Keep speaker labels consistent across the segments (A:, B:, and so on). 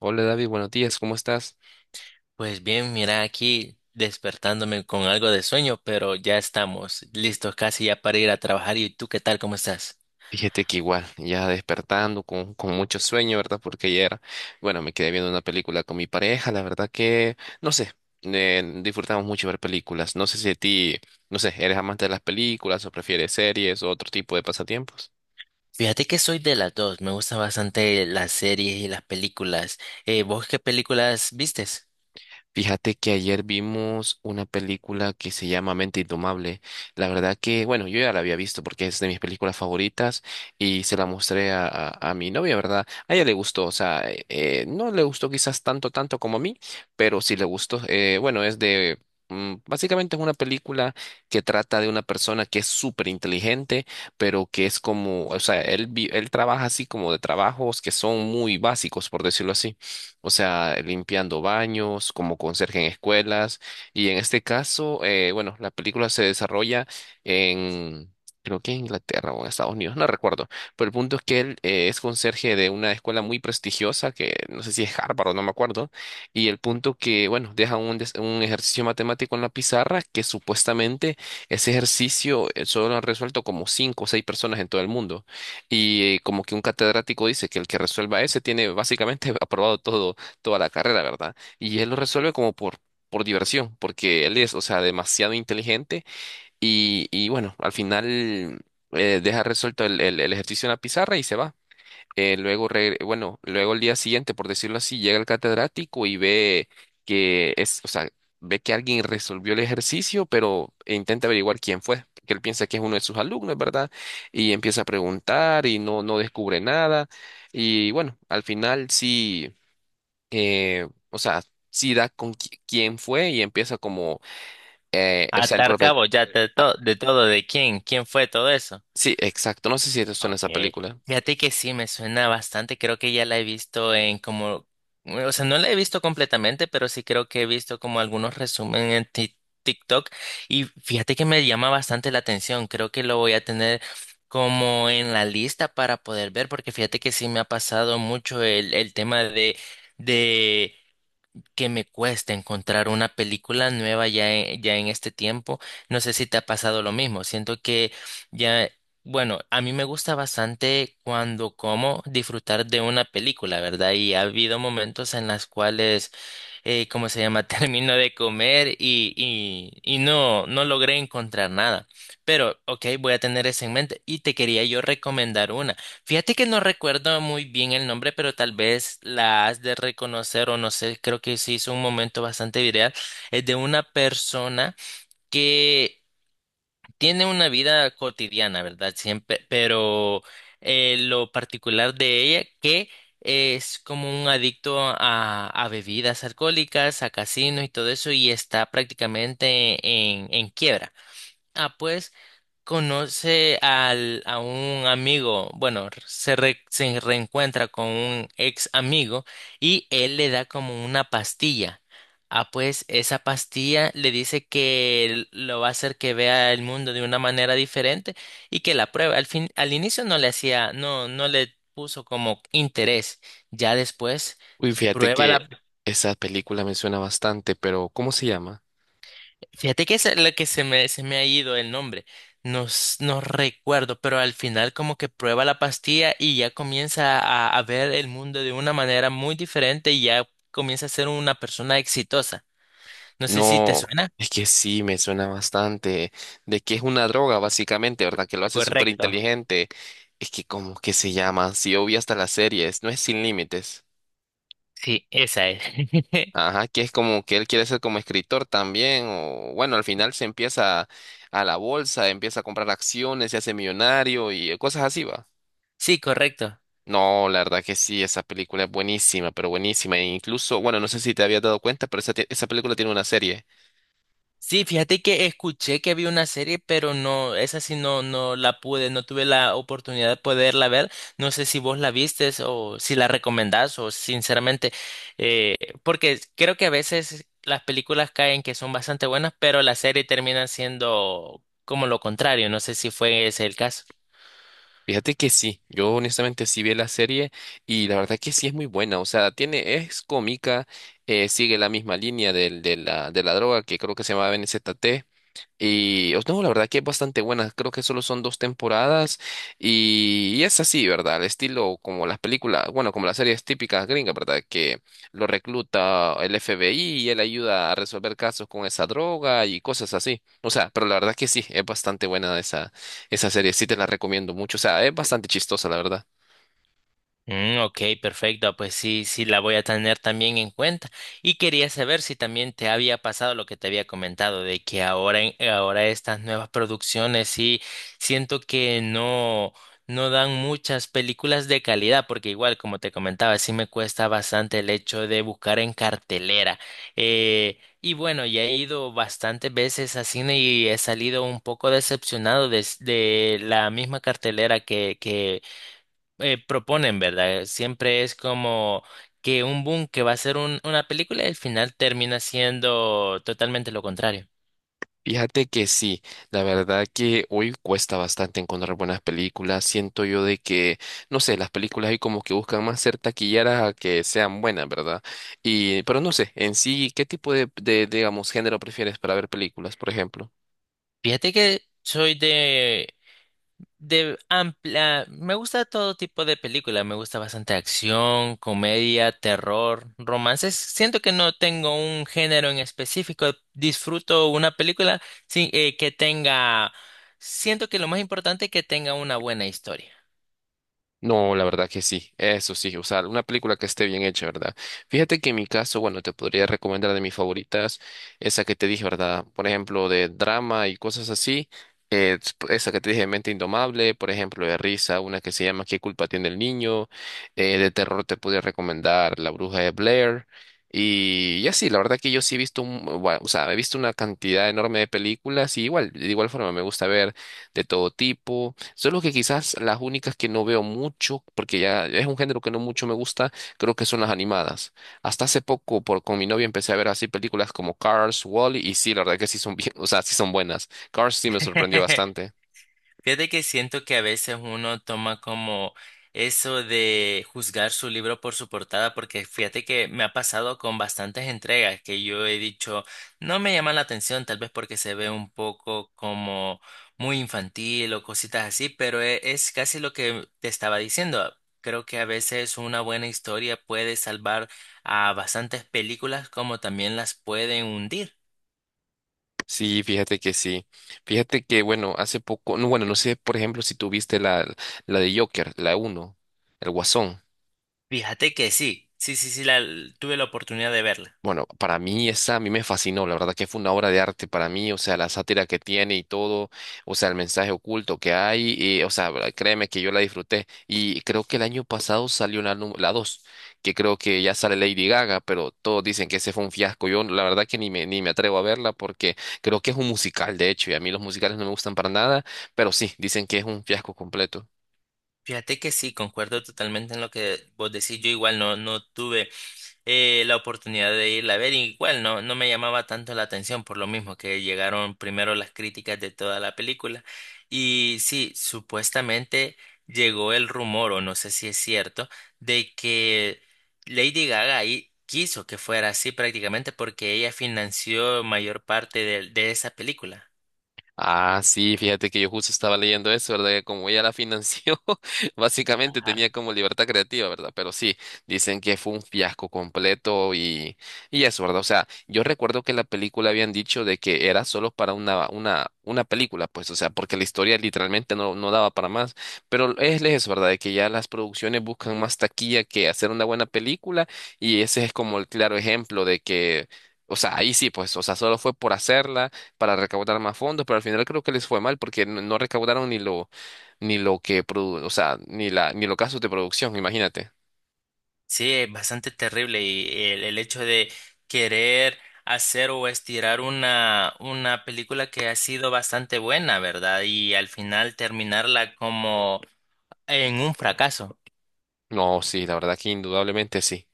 A: Hola David, buenos días, ¿cómo estás?
B: Pues bien, mira aquí despertándome con algo de sueño, pero ya estamos listos casi ya para ir a trabajar. ¿Y tú qué tal? ¿Cómo estás?
A: Fíjate que igual, ya despertando con mucho sueño, ¿verdad? Porque ayer, bueno, me quedé viendo una película con mi pareja, la verdad que, no sé, disfrutamos mucho ver películas. No sé si a ti, no sé, ¿eres amante de las películas o prefieres series o otro tipo de pasatiempos?
B: Fíjate que soy de las dos, me gustan bastante las series y las películas. ¿Vos qué películas vistes?
A: Fíjate que ayer vimos una película que se llama Mente Indomable. La verdad que, bueno, yo ya la había visto porque es de mis películas favoritas y se la mostré a mi novia, ¿verdad? A ella le gustó, o sea, no le gustó quizás tanto, tanto como a mí, pero sí le gustó. Bueno, es de... Básicamente es una película que trata de una persona que es súper inteligente, pero que es como, o sea, él, él trabaja así como de trabajos que son muy básicos, por decirlo así, o sea, limpiando baños, como conserje en escuelas. Y en este caso, bueno, la película se desarrolla en, creo que en Inglaterra o en Estados Unidos, no recuerdo. Pero el punto es que él es conserje de una escuela muy prestigiosa, que no sé si es Harvard o no me acuerdo. Y el punto que, bueno, un ejercicio matemático en la pizarra que supuestamente ese ejercicio solo lo han resuelto como cinco o seis personas en todo el mundo. Y como que un catedrático dice que el que resuelva ese tiene básicamente aprobado todo, toda la carrera, ¿verdad? Y él lo resuelve como por diversión, porque él es, o sea, demasiado inteligente y bueno, al final deja resuelto el ejercicio en la pizarra y se va. Bueno, luego el día siguiente, por decirlo así, llega el catedrático y ve que es, o sea, ve que alguien resolvió el ejercicio, pero e intenta averiguar quién fue, porque él piensa que es uno de sus alumnos, ¿verdad? Y empieza a preguntar y no descubre nada. Y bueno, al final sí, o sea, sí da con quién fue y empieza como, o sea, el
B: Atar
A: profesor.
B: cabo, ya de todo, de quién fue todo eso.
A: Sí, exacto. No sé si te suena
B: Ok,
A: esa película.
B: fíjate que sí, me suena bastante, creo que ya la he visto o sea, no la he visto completamente, pero sí creo que he visto como algunos resúmenes en TikTok y fíjate que me llama bastante la atención, creo que lo voy a tener como en la lista para poder ver, porque fíjate que sí me ha pasado mucho el tema de que me cuesta encontrar una película nueva ya en este tiempo. No sé si te ha pasado lo mismo. Siento que ya, bueno, a mí me gusta bastante cuando como disfrutar de una película, ¿verdad? Y ha habido momentos en las cuales ¿cómo se llama? Termino de comer y no logré encontrar nada. Pero, ok, voy a tener eso en mente. Y te quería yo recomendar una. Fíjate que no recuerdo muy bien el nombre, pero tal vez la has de reconocer o no sé, creo que se hizo un momento bastante viral. Es de una persona que tiene una vida cotidiana, ¿verdad? Siempre, pero lo particular de ella que es como un adicto a bebidas alcohólicas, a casinos y todo eso, y está prácticamente en quiebra. Ah, pues conoce a un amigo, bueno, se reencuentra con un ex amigo y él le da como una pastilla. Ah, pues esa pastilla le dice que lo va a hacer que vea el mundo de una manera diferente y que la pruebe. Al fin, al inicio no le hacía, no le puso como interés. Ya después
A: Uy, fíjate
B: prueba
A: que
B: la,
A: esa película me suena bastante, pero ¿cómo se llama?
B: fíjate que es lo que se me ha ido el nombre. No, no recuerdo, pero al final como que prueba la pastilla y ya comienza a ver el mundo de una manera muy diferente y ya comienza a ser una persona exitosa. No sé si te
A: No,
B: suena.
A: es que sí, me suena bastante. De que es una droga, básicamente, ¿verdad? Que lo hace súper
B: Correcto.
A: inteligente. Es que, ¿cómo que se llama? Si yo vi hasta las series, no es Sin Límites.
B: Sí, esa es.
A: Ajá, que es como que él quiere ser como escritor también. O bueno, al final se empieza a la bolsa, empieza a comprar acciones, se hace millonario y cosas así, va.
B: Sí, correcto.
A: No, la verdad que sí, esa película es buenísima, pero buenísima. E incluso, bueno, no sé si te habías dado cuenta, pero esa película tiene una serie.
B: Sí, fíjate que escuché que había una serie, pero no, esa sí no, no la pude, no tuve la oportunidad de poderla ver. No sé si vos la vistes o si la recomendás o sinceramente, eh, porque creo que a veces las películas caen que son bastante buenas, pero la serie termina siendo como lo contrario. No sé si fue ese el caso.
A: Fíjate que sí, yo honestamente sí vi la serie y la verdad que sí es muy buena, o sea, tiene, es cómica, sigue la misma línea del- de la droga que creo que se llama NZT. Y os no, la verdad que es bastante buena. Creo que solo son dos temporadas y es así, ¿verdad? El estilo como las películas, bueno, como las series típicas gringas, ¿verdad? Que lo recluta el FBI y él ayuda a resolver casos con esa droga y cosas así. O sea, pero la verdad que sí, es bastante buena esa serie. Sí te la recomiendo mucho. O sea, es bastante chistosa, la verdad.
B: Mm, ok, perfecto. Pues sí, sí, la voy a tener también en cuenta. Y quería saber si también te había pasado lo que te había comentado, de que ahora estas nuevas producciones sí siento que no, no dan muchas películas de calidad, porque igual, como te comentaba, sí me cuesta bastante el hecho de buscar en cartelera. Y bueno, ya he ido bastantes veces a cine y he salido un poco decepcionado de la misma cartelera que proponen, ¿verdad? Siempre es como que un boom que va a ser una película y al final termina siendo totalmente lo contrario.
A: Fíjate que sí, la verdad que hoy cuesta bastante encontrar buenas películas. Siento yo de que, no sé, las películas hoy como que buscan más ser taquilleras a que sean buenas, ¿verdad? Y, pero no sé, en sí, ¿qué tipo digamos, género prefieres para ver películas, por ejemplo?
B: Fíjate que soy de amplia, me gusta todo tipo de película, me gusta bastante acción, comedia, terror, romances. Siento que no tengo un género en específico, disfruto una película sin, que tenga, siento que lo más importante es que tenga una buena historia.
A: No, la verdad que sí, eso sí, o sea, una película que esté bien hecha, ¿verdad? Fíjate que en mi caso, bueno, te podría recomendar de mis favoritas, esa que te dije, ¿verdad? Por ejemplo, de drama y cosas así, eh, esa que te dije, Mente Indomable, por ejemplo, de risa, una que se llama ¿Qué culpa tiene el niño? De terror te podría recomendar La Bruja de Blair. Y así, la verdad que yo sí he visto, bueno, o sea, he visto una cantidad enorme de películas y igual, de igual forma me gusta ver de todo tipo. Solo que quizás las únicas que no veo mucho, porque ya es un género que no mucho me gusta, creo que son las animadas. Hasta hace poco por, con mi novia empecé a ver así películas como Cars, Wall-E, y sí, la verdad que sí son bien, o sea, sí son buenas. Cars sí me sorprendió bastante.
B: Fíjate que siento que a veces uno toma como eso de juzgar su libro por su portada, porque fíjate que me ha pasado con bastantes entregas que yo he dicho, no me llama la atención, tal vez porque se ve un poco como muy infantil o cositas así, pero es casi lo que te estaba diciendo. Creo que a veces una buena historia puede salvar a bastantes películas como también las pueden hundir.
A: Sí. Fíjate que, bueno, hace poco, no, bueno, no sé, por ejemplo, si tuviste la de Joker, la uno, el Guasón.
B: Fíjate que sí, tuve la oportunidad de verla.
A: Bueno, para mí esa a mí me fascinó, la verdad que fue una obra de arte para mí, o sea, la sátira que tiene y todo, o sea, el mensaje oculto que hay, y, o sea, créeme que yo la disfruté y creo que el año pasado salió la 2, que creo que ya sale Lady Gaga, pero todos dicen que ese fue un fiasco, yo la verdad que ni me atrevo a verla porque creo que es un musical, de hecho, y a mí los musicales no me gustan para nada, pero sí, dicen que es un fiasco completo.
B: Fíjate que sí, concuerdo totalmente en lo que vos decís. Yo igual no, no tuve la oportunidad de irla a ver, y igual no, no me llamaba tanto la atención por lo mismo que llegaron primero las críticas de toda la película. Y sí, supuestamente llegó el rumor, o no sé si es cierto, de que Lady Gaga ahí quiso que fuera así prácticamente porque ella financió mayor parte de esa película.
A: Ah, sí, fíjate que yo justo estaba leyendo eso, ¿verdad? Que como ella la financió, básicamente tenía
B: Ajá.
A: como libertad creativa, ¿verdad? Pero sí, dicen que fue un fiasco completo y eso, ¿verdad? O sea, yo recuerdo que la película habían dicho de que era solo para una película, pues, o sea, porque la historia literalmente no daba para más. Pero es eso, ¿verdad? De que ya las producciones buscan más taquilla que hacer una buena película y ese es como el claro ejemplo de que, o sea, ahí sí, pues, o sea, solo fue por hacerla para recaudar más fondos, pero al final creo que les fue mal porque no recaudaron ni lo, ni lo que produ- o sea, ni la, ni los gastos de producción, imagínate.
B: Sí, es bastante terrible y el hecho de querer hacer o estirar una película que ha sido bastante buena, ¿verdad? Y al final terminarla como en un fracaso.
A: No, sí, la verdad que indudablemente sí.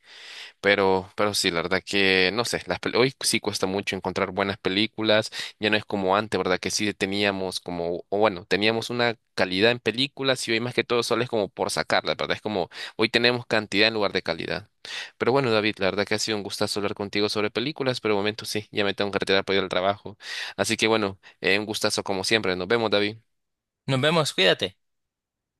A: Pero sí, la verdad que, no sé, las hoy sí cuesta mucho encontrar buenas películas, ya no es como antes, ¿verdad? Que sí teníamos como, o bueno, teníamos una calidad en películas y hoy más que todo solo es como por sacarla, ¿verdad? Es como, hoy tenemos cantidad en lugar de calidad. Pero bueno, David, la verdad que ha sido un gustazo hablar contigo sobre películas, pero de momento sí, ya me tengo que retirar para ir al trabajo. Así que bueno, un gustazo como siempre, nos vemos, David.
B: Nos vemos, cuídate.